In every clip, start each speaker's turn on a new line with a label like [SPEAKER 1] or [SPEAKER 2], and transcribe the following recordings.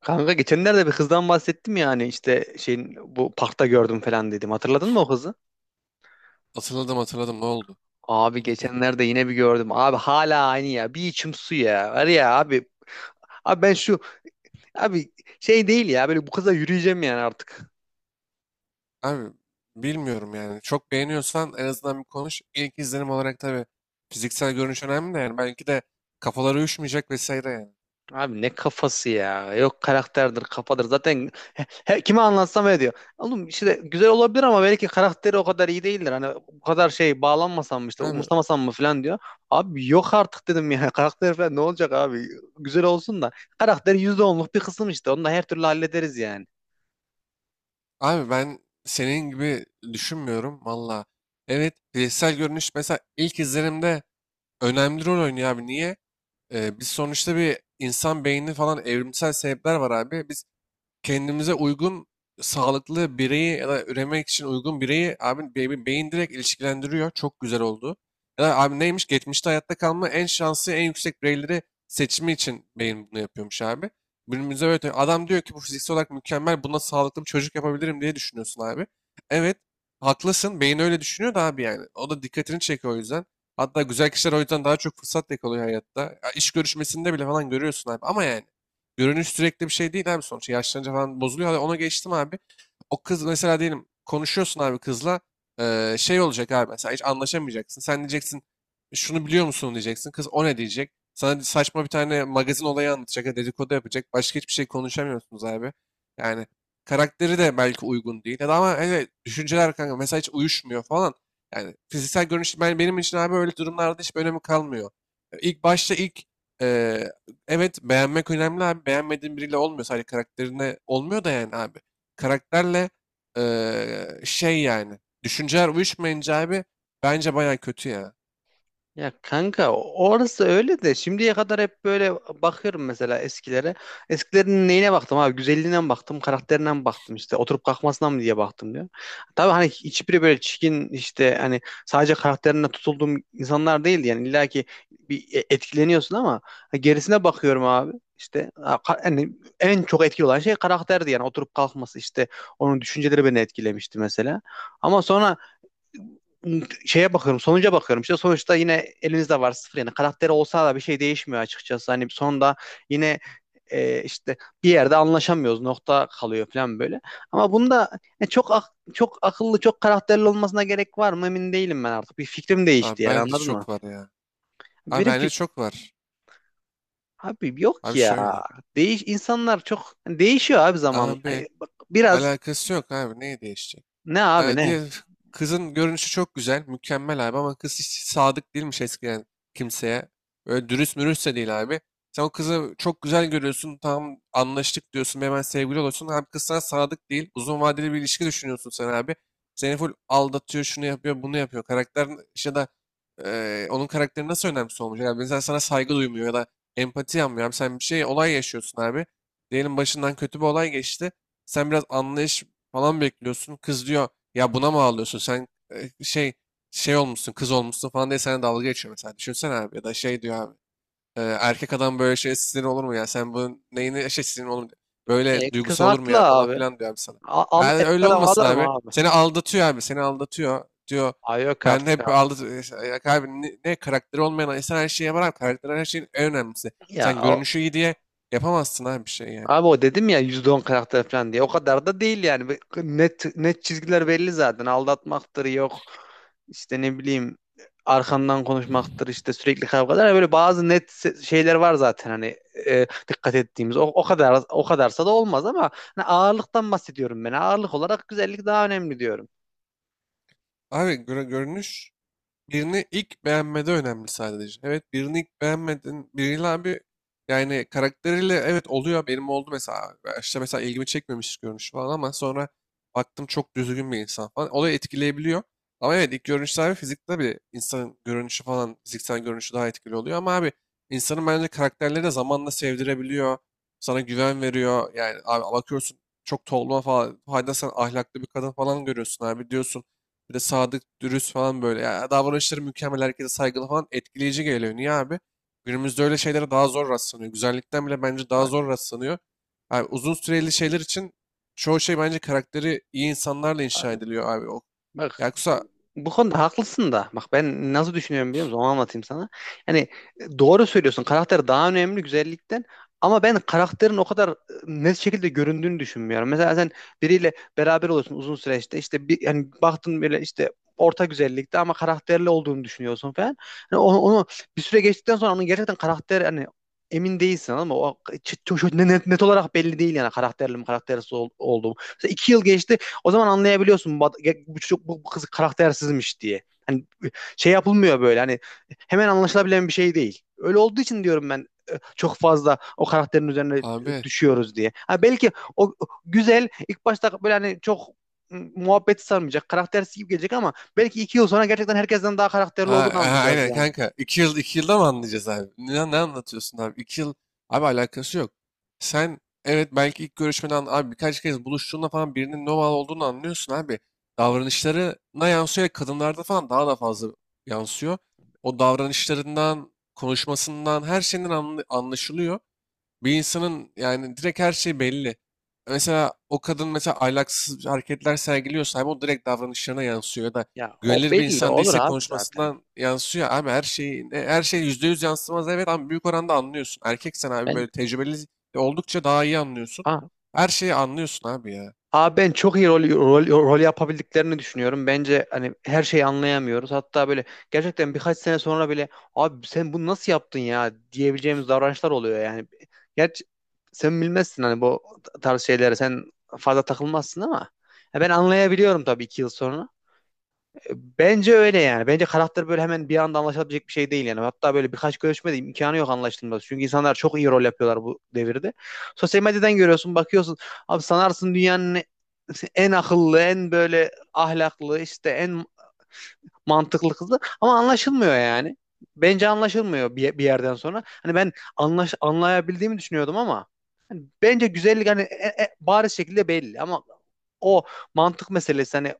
[SPEAKER 1] Kanka geçenlerde bir kızdan bahsettim ya, hani işte şeyin bu parkta gördüm falan dedim. Hatırladın mı o kızı?
[SPEAKER 2] Hatırladım, hatırladım, ne oldu?
[SPEAKER 1] Abi
[SPEAKER 2] Oldu ki.
[SPEAKER 1] geçenlerde yine bir gördüm. Abi hala aynı ya. Bir içim su ya. Var ya abi. Abi ben şu abi şey değil ya, böyle bu kıza yürüyeceğim yani artık.
[SPEAKER 2] Abi bilmiyorum yani. Çok beğeniyorsan en azından bir konuş. İlk izlenim olarak tabii fiziksel görünüş önemli de yani. Belki de kafaları uyuşmayacak vesaire yani.
[SPEAKER 1] Abi ne kafası ya. Yok, karakterdir, kafadır. Zaten kime anlatsam öyle diyor. Oğlum, işte güzel olabilir ama belki karakteri o kadar iyi değildir. Hani bu kadar şey bağlanmasam mı, işte
[SPEAKER 2] Abi,
[SPEAKER 1] umursamasam mı falan diyor. Abi yok artık dedim ya. Karakter falan ne olacak abi? Güzel olsun da. Karakter yüzde onluk bir kısım işte. Onu da her türlü hallederiz yani.
[SPEAKER 2] abi, ben senin gibi düşünmüyorum valla. Evet, fiziksel görünüş mesela ilk izlenimde önemli rol oynuyor abi. Niye? Biz sonuçta bir insan beyni falan, evrimsel sebepler var abi. Biz kendimize uygun sağlıklı bireyi ya da üremek için uygun bireyi abi beyin direkt ilişkilendiriyor. Çok güzel oldu. Ya da abi, neymiş? Geçmişte hayatta kalma en şanslı en yüksek bireyleri seçimi için beyin bunu yapıyormuş abi. Günümüzde böyle tabii. Adam diyor ki bu fiziksel olarak mükemmel, buna sağlıklı bir çocuk yapabilirim diye düşünüyorsun abi. Evet, haklısın, beyin öyle düşünüyor da abi yani. O da dikkatini çekiyor o yüzden. Hatta güzel kişiler o yüzden daha çok fırsat yakalıyor hayatta. Ya iş görüşmesinde bile falan görüyorsun abi ama yani. Görünüş sürekli bir şey değil abi sonuçta. Yaşlanınca falan bozuluyor. Hadi ona geçtim abi. O kız mesela, diyelim konuşuyorsun abi kızla. Şey olacak abi, mesela hiç anlaşamayacaksın. Sen diyeceksin, şunu biliyor musun diyeceksin. Kız o ne diyecek? Sana saçma bir tane magazin olayı anlatacak. Dedikodu yapacak. Başka hiçbir şey konuşamıyorsunuz abi. Yani karakteri de belki uygun değil. Ya da, ama evet, düşünceler kanka mesela hiç uyuşmuyor falan. Yani fiziksel görünüş benim için abi öyle durumlarda hiç önemi kalmıyor. İlk başta ilk e, evet, beğenmek önemli abi. Beğenmediğin biriyle olmuyor. Sadece karakterine olmuyor da yani abi. Karakterle şey yani. Düşünceler uyuşmayınca abi bence baya kötü ya.
[SPEAKER 1] Ya kanka, orası öyle de şimdiye kadar hep böyle bakıyorum mesela eskilere. Eskilerin neyine baktım abi? Güzelliğine mi baktım, karakterine mi baktım, işte oturup kalkmasına mı diye baktım diyor. Tabii hani hiçbiri böyle çirkin, işte hani sadece karakterine tutulduğum insanlar değildi yani, illa ki bir etkileniyorsun ama gerisine bakıyorum abi. Yani en çok etkili olan şey karakterdi yani, oturup kalkması, işte onun düşünceleri beni etkilemişti mesela. Ama sonra şeye bakıyorum, sonuca bakıyorum. İşte sonuçta yine elinizde var sıfır yani. Karakteri olsa da bir şey değişmiyor açıkçası. Hani sonunda yine işte bir yerde anlaşamıyoruz. Nokta kalıyor falan böyle. Ama bunda çok akıllı, çok karakterli olmasına gerek var mı emin değilim ben artık. Bir fikrim
[SPEAKER 2] Abi
[SPEAKER 1] değişti yani,
[SPEAKER 2] bence
[SPEAKER 1] anladın mı?
[SPEAKER 2] çok var ya. Abi
[SPEAKER 1] Benim ki
[SPEAKER 2] bence çok var.
[SPEAKER 1] abi yok ki
[SPEAKER 2] Abi
[SPEAKER 1] ya.
[SPEAKER 2] şöyle.
[SPEAKER 1] Değiş insanlar çok hani değişiyor abi zamanla.
[SPEAKER 2] Abi,
[SPEAKER 1] Hani bak, biraz
[SPEAKER 2] alakası yok abi. Neyi değişecek?
[SPEAKER 1] ne abi ne?
[SPEAKER 2] Diğer kızın görünüşü çok güzel, mükemmel abi, ama kız hiç sadık değilmiş eskiden kimseye. Öyle dürüst mürüst de değil abi. Sen o kızı çok güzel görüyorsun, tam anlaştık diyorsun, hemen sevgili oluyorsun. Abi kız sana sadık değil, uzun vadeli bir ilişki düşünüyorsun sen abi. Seni full aldatıyor, şunu yapıyor, bunu yapıyor. Karakter ya da onun karakteri nasıl önemsiz olmuş? Yani mesela sana saygı duymuyor ya da empati yapmıyor. Abi sen bir şey, olay yaşıyorsun abi. Diyelim başından kötü bir olay geçti. Sen biraz anlayış falan bekliyorsun. Kız diyor ya, buna mı ağlıyorsun sen, e, şey şey olmuşsun, kız olmuşsun falan diye sana dalga geçiyor mesela. Düşünsene abi, ya da şey diyor abi. Erkek adam böyle şey, sinir olur mu ya, sen bunun neyini şey, sinir olur mu? Böyle
[SPEAKER 1] E, kız
[SPEAKER 2] duygusu olur mu
[SPEAKER 1] haklı
[SPEAKER 2] ya falan
[SPEAKER 1] abi.
[SPEAKER 2] filan diyor abi sana.
[SPEAKER 1] Al,
[SPEAKER 2] Yani öyle
[SPEAKER 1] adam
[SPEAKER 2] olmasın
[SPEAKER 1] alır mı
[SPEAKER 2] abi.
[SPEAKER 1] abi?
[SPEAKER 2] Seni aldatıyor abi, seni aldatıyor diyor.
[SPEAKER 1] Ay yok
[SPEAKER 2] Ben
[SPEAKER 1] artık
[SPEAKER 2] hep
[SPEAKER 1] abi.
[SPEAKER 2] aldat işte, ya abi, ne karakteri olmayan insan her şeye var abi. Karakter her şeyin en önemlisi.
[SPEAKER 1] Ya
[SPEAKER 2] Sen
[SPEAKER 1] o-
[SPEAKER 2] görünüşü iyi diye yapamazsın abi bir şey yani.
[SPEAKER 1] Abi o dedim ya, %10 karakter falan diye. O kadar da değil yani. Ve net net çizgiler belli zaten. Aldatmaktır yok. İşte ne bileyim, arkandan konuşmaktır, işte sürekli kavgalar. Yani böyle bazı şeyler var zaten hani dikkat ettiğimiz. O, o kadar o kadarsa da olmaz ama hani ağırlıktan bahsediyorum ben. Ağırlık olarak güzellik daha önemli diyorum.
[SPEAKER 2] Abi görünüş birini ilk beğenmede önemli sadece. Evet, birini ilk beğenmedin. Biriyle abi yani karakteriyle evet oluyor. Benim oldu mesela. Başta mesela ilgimi çekmemiş görünüş falan, ama sonra baktım çok düzgün bir insan falan. Olayı etkileyebiliyor. Ama evet, ilk görünüşte abi fizikte bir insanın görünüşü falan, fiziksel görünüşü daha etkili oluyor. Ama abi insanın bence karakterleri de zamanla sevdirebiliyor. Sana güven veriyor. Yani abi bakıyorsun çok tolma falan. Hayda, sen ahlaklı bir kadın falan görüyorsun abi, diyorsun. Bir de sadık, dürüst falan böyle. Ya davranışları mükemmel, herkese saygılı falan, etkileyici geliyor. Niye abi? Günümüzde öyle şeylere daha zor rastlanıyor. Güzellikten bile bence daha
[SPEAKER 1] Bak
[SPEAKER 2] zor rastlanıyor. Abi uzun süreli şeyler için çoğu şey bence karakteri iyi insanlarla inşa
[SPEAKER 1] abi,
[SPEAKER 2] ediliyor abi. O,
[SPEAKER 1] bak
[SPEAKER 2] yoksa
[SPEAKER 1] Bu konuda haklısın da. Bak, ben nasıl düşünüyorum, biliyor musun? Onu anlatayım sana. Yani, doğru söylüyorsun. Karakter daha önemli güzellikten. Ama ben karakterin o kadar net şekilde göründüğünü düşünmüyorum. Mesela sen biriyle beraber oluyorsun uzun süreçte. İşte bir, yani baktın böyle, işte orta güzellikte ama karakterli olduğunu düşünüyorsun falan. Yani onu bir süre geçtikten sonra onun gerçekten karakter hani emin değilsin ama o net olarak belli değil yani karakterli mi karaktersiz olduğum. Mesela 2 yıl geçti, o zaman anlayabiliyorsun bu, ad- bu, çocuk- bu bu kız karaktersizmiş diye. Hani şey yapılmıyor, böyle hani hemen anlaşılabilen bir şey değil. Öyle olduğu için diyorum ben, çok fazla o karakterin üzerine
[SPEAKER 2] abi.
[SPEAKER 1] düşüyoruz diye. Ha belki o güzel ilk başta, böyle hani çok muhabbeti sarmayacak, karaktersiz gibi gelecek ama belki 2 yıl sonra gerçekten herkesten daha karakterli
[SPEAKER 2] Ha,
[SPEAKER 1] olduğunu
[SPEAKER 2] ha,
[SPEAKER 1] anlayacağız
[SPEAKER 2] aynen
[SPEAKER 1] yani.
[SPEAKER 2] kanka. 2 yıl, 2 yılda mı anlayacağız abi? Ne anlatıyorsun abi? 2 yıl, abi alakası yok. Sen evet belki ilk görüşmeden abi birkaç kez buluştuğunda falan birinin normal olduğunu anlıyorsun abi. Davranışlarına yansıyor, ve kadınlarda falan daha da fazla yansıyor. O davranışlarından, konuşmasından, her şeyinden anlaşılıyor. Bir insanın yani direkt her şey belli. Mesela o kadın mesela ahlaksız hareketler sergiliyorsa abi o direkt davranışlarına yansıyor, ya da
[SPEAKER 1] Ya o
[SPEAKER 2] güvenilir bir
[SPEAKER 1] belli
[SPEAKER 2] insan
[SPEAKER 1] olur
[SPEAKER 2] değilse
[SPEAKER 1] abi zaten.
[SPEAKER 2] konuşmasından yansıyor. Abi her şeyi her şey %100 yansımaz evet, ama büyük oranda anlıyorsun. Erkeksen abi
[SPEAKER 1] Ben
[SPEAKER 2] böyle tecrübeli de oldukça daha iyi anlıyorsun.
[SPEAKER 1] ha,
[SPEAKER 2] Her şeyi anlıyorsun abi ya.
[SPEAKER 1] Abi ben çok iyi rol yapabildiklerini düşünüyorum. Bence hani her şeyi anlayamıyoruz. Hatta böyle gerçekten birkaç sene sonra bile abi sen bunu nasıl yaptın ya diyebileceğimiz davranışlar oluyor yani. Gerçi sen bilmezsin hani bu tarz şeylere sen fazla takılmazsın ama ya ben anlayabiliyorum tabii 2 yıl sonra. Bence öyle yani. Bence karakter böyle hemen bir anda anlaşılabilecek bir şey değil yani. Hatta böyle birkaç görüşmede imkanı yok anlaşılması. Çünkü insanlar çok iyi rol yapıyorlar bu devirde. Sosyal medyadan görüyorsun, bakıyorsun. Abi sanarsın dünyanın en akıllı, en böyle ahlaklı, işte en mantıklı kızı ama anlaşılmıyor yani. Bence anlaşılmıyor bir yerden sonra. Hani ben anlayabildiğimi düşünüyordum ama bence güzellik hani bariz şekilde belli ama o mantık meselesi, hani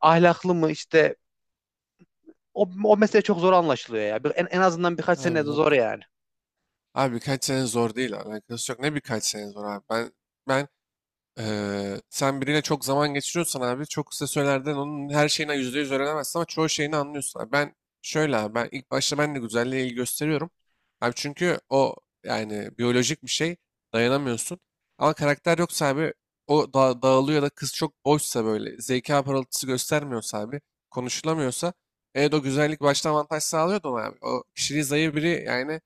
[SPEAKER 1] ahlaklı mı, işte o mesele çok zor anlaşılıyor ya. En azından birkaç
[SPEAKER 2] Abi
[SPEAKER 1] sene de zor
[SPEAKER 2] yok.
[SPEAKER 1] yani.
[SPEAKER 2] Abi birkaç sene zor değil, alakası yok. Ne birkaç sene zor abi. Ben ben sen biriyle çok zaman geçiriyorsan abi çok kısa sürelerden onun her şeyine %100 öğrenemezsin, ama çoğu şeyini anlıyorsun. Abi ben şöyle, abi ben ilk başta ben de güzelliğe ilgi gösteriyorum. Abi çünkü o yani biyolojik bir şey, dayanamıyorsun. Ama karakter yoksa abi o da dağılıyor, ya da kız çok boşsa, böyle zeka parıltısı göstermiyorsa abi, konuşulamıyorsa, evet o güzellik başta avantaj sağlıyor da ona abi. O, kişiliği zayıf biri yani,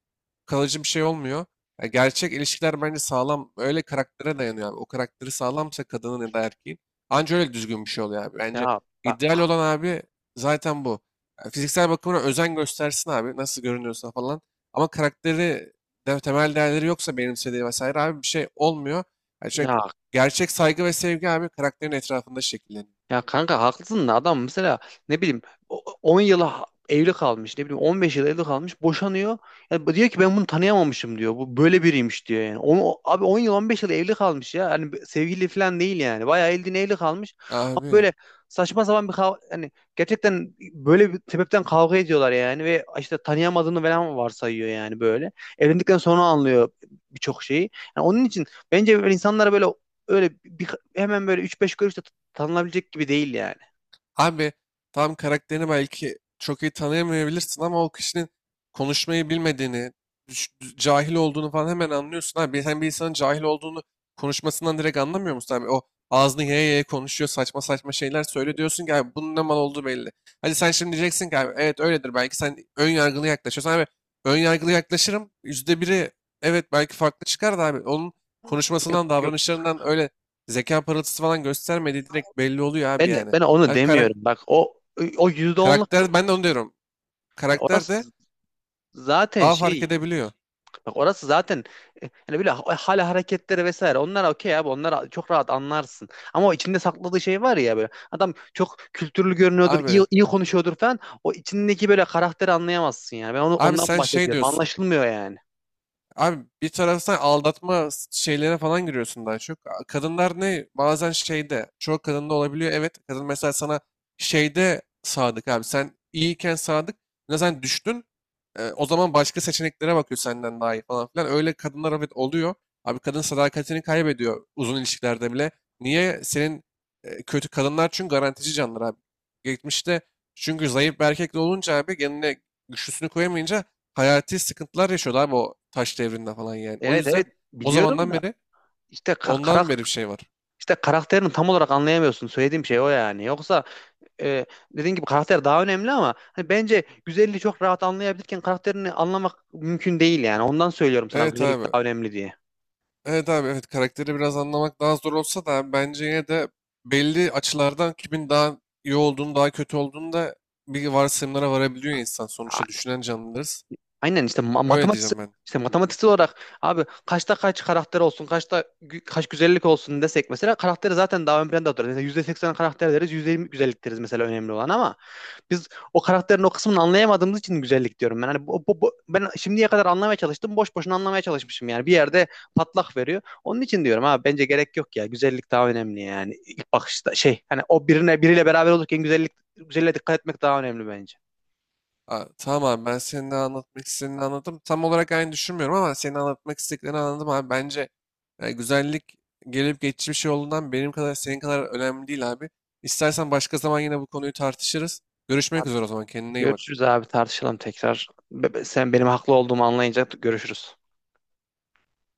[SPEAKER 2] kalıcı bir şey olmuyor. Ya gerçek ilişkiler bence sağlam öyle karaktere dayanıyor abi. O karakteri sağlamsa kadının ya da erkeğin, anca öyle düzgün bir şey oluyor abi. Bence
[SPEAKER 1] Ya bak,
[SPEAKER 2] ideal olan abi zaten bu. Ya fiziksel bakımına özen göstersin abi, nasıl görünüyorsa falan. Ama karakteri de, temel değerleri yoksa benimsediği vesaire abi, bir şey olmuyor. Yani
[SPEAKER 1] ya,
[SPEAKER 2] çünkü gerçek saygı ve sevgi abi karakterin etrafında şekilleniyor.
[SPEAKER 1] ya kanka haklısın da adam mesela ne bileyim 10 yıla evli kalmış, ne bileyim 15 yıl evli kalmış, boşanıyor. Ya bu diyor ki, ben bunu tanıyamamışım diyor. Bu böyle biriymiş diyor yani. Abi 10 yıl, 15 yıl evli kalmış ya. Hani sevgili falan değil yani. Bayağı eldiğine evli kalmış. Ama
[SPEAKER 2] Abi,
[SPEAKER 1] böyle saçma sapan hani gerçekten böyle bir sebepten kavga ediyorlar yani ve işte tanıyamadığını falan varsayıyor yani böyle. Evlendikten sonra anlıyor birçok şeyi. Yani onun için bence böyle insanlara böyle öyle bir, hemen böyle 3-5 görüşte tanınabilecek gibi değil yani.
[SPEAKER 2] abi tam karakterini belki çok iyi tanıyamayabilirsin, ama o kişinin konuşmayı bilmediğini, düş- cahil olduğunu falan hemen anlıyorsun. Abi sen bir insanın cahil olduğunu konuşmasından direkt anlamıyor musun abi? O ağzını yaya yaya konuşuyor, saçma saçma şeyler söyle, diyorsun ki abi bunun ne mal olduğu belli. Hadi sen şimdi diyeceksin ki abi evet öyledir, belki sen ön yargılı yaklaşıyorsun. Abi ön yargılı yaklaşırım %1'i, evet belki farklı çıkar da abi, onun
[SPEAKER 1] Yok
[SPEAKER 2] konuşmasından,
[SPEAKER 1] yok
[SPEAKER 2] davranışlarından öyle zeka parıltısı falan göstermediği direkt belli oluyor abi
[SPEAKER 1] ben
[SPEAKER 2] yani.
[SPEAKER 1] ben onu
[SPEAKER 2] Yani
[SPEAKER 1] demiyorum. Bak o yüzde onluk,
[SPEAKER 2] karakter, ben de onu diyorum.
[SPEAKER 1] orası
[SPEAKER 2] Karakter de
[SPEAKER 1] zaten
[SPEAKER 2] daha fark
[SPEAKER 1] şey
[SPEAKER 2] edebiliyor.
[SPEAKER 1] bak orası zaten hani böyle hala hareketleri vesaire, onlar okey abi, onlar çok rahat anlarsın. Ama o içinde sakladığı şey var ya, böyle adam çok kültürlü görünüyordur, iyi,
[SPEAKER 2] Abi
[SPEAKER 1] iyi konuşuyordur falan. O içindeki böyle karakteri anlayamazsın yani. Ben onu
[SPEAKER 2] abi
[SPEAKER 1] ondan
[SPEAKER 2] sen şey
[SPEAKER 1] bahsediyorum.
[SPEAKER 2] diyorsun.
[SPEAKER 1] Anlaşılmıyor yani.
[SPEAKER 2] Abi bir taraftan aldatma şeylerine falan giriyorsun daha çok. Kadınlar ne? Bazen şeyde, çoğu kadında olabiliyor. Evet, kadın mesela sana şeyde sadık abi. Sen iyiyken sadık. Ne, sen düştün. O zaman başka seçeneklere bakıyor, senden daha iyi falan filan. Öyle kadınlar evet oluyor. Abi kadın sadakatini kaybediyor uzun ilişkilerde bile. Niye? Senin kötü kadınlar çünkü garantici canlılar abi. Geçmişte çünkü zayıf bir erkek de olunca abi, kendine güçlüsünü koyamayınca hayati sıkıntılar yaşıyordu abi, o taş devrinde falan yani. O
[SPEAKER 1] Evet evet,
[SPEAKER 2] yüzden o
[SPEAKER 1] biliyorum
[SPEAKER 2] zamandan
[SPEAKER 1] da
[SPEAKER 2] beri,
[SPEAKER 1] işte
[SPEAKER 2] ondan beri bir şey var.
[SPEAKER 1] karakterini tam olarak anlayamıyorsun. Söylediğim şey o yani. Yoksa e, dediğin gibi karakter daha önemli ama hani bence güzelliği çok rahat anlayabilirken karakterini anlamak mümkün değil yani. Ondan söylüyorum sana
[SPEAKER 2] Evet
[SPEAKER 1] güzellik
[SPEAKER 2] abi.
[SPEAKER 1] daha önemli diye.
[SPEAKER 2] Evet abi, evet, karakteri biraz anlamak daha zor olsa da abi bence yine de belli açılardan kimin daha iyi olduğunu, daha kötü olduğunu da bir varsayımlara varabiliyor insan.
[SPEAKER 1] A-
[SPEAKER 2] Sonuçta
[SPEAKER 1] işte
[SPEAKER 2] düşünen canlılarız.
[SPEAKER 1] aynen işte ma-
[SPEAKER 2] Öyle
[SPEAKER 1] matematik
[SPEAKER 2] diyeceğim ben.
[SPEAKER 1] işte matematiksel olarak abi kaçta kaç karakter olsun, kaç güzellik olsun desek mesela, karakteri zaten daha ön planda oturur. Mesela %80 karakter deriz, %20 güzellik deriz mesela önemli olan ama biz o karakterin o kısmını anlayamadığımız için güzellik diyorum ben. Hani ben şimdiye kadar anlamaya çalıştım. Boş boşuna anlamaya çalışmışım yani. Bir yerde patlak veriyor. Onun için diyorum abi, bence gerek yok ya. Güzellik daha önemli yani. İlk bakışta şey, hani o birine biriyle beraber olurken güzelliğe dikkat etmek daha önemli bence.
[SPEAKER 2] Aa, tamam abi, ben senin de anlatmak istediğini anladım. Tam olarak aynı düşünmüyorum ama senin anlatmak istediklerini anladım abi. Bence yani güzellik gelip geçici bir şey olduğundan benim kadar, senin kadar önemli değil abi. İstersen başka zaman yine bu konuyu tartışırız. Görüşmek üzere o zaman, kendine iyi bak.
[SPEAKER 1] Görüşürüz abi, tartışalım tekrar. Sen benim haklı olduğumu anlayınca görüşürüz.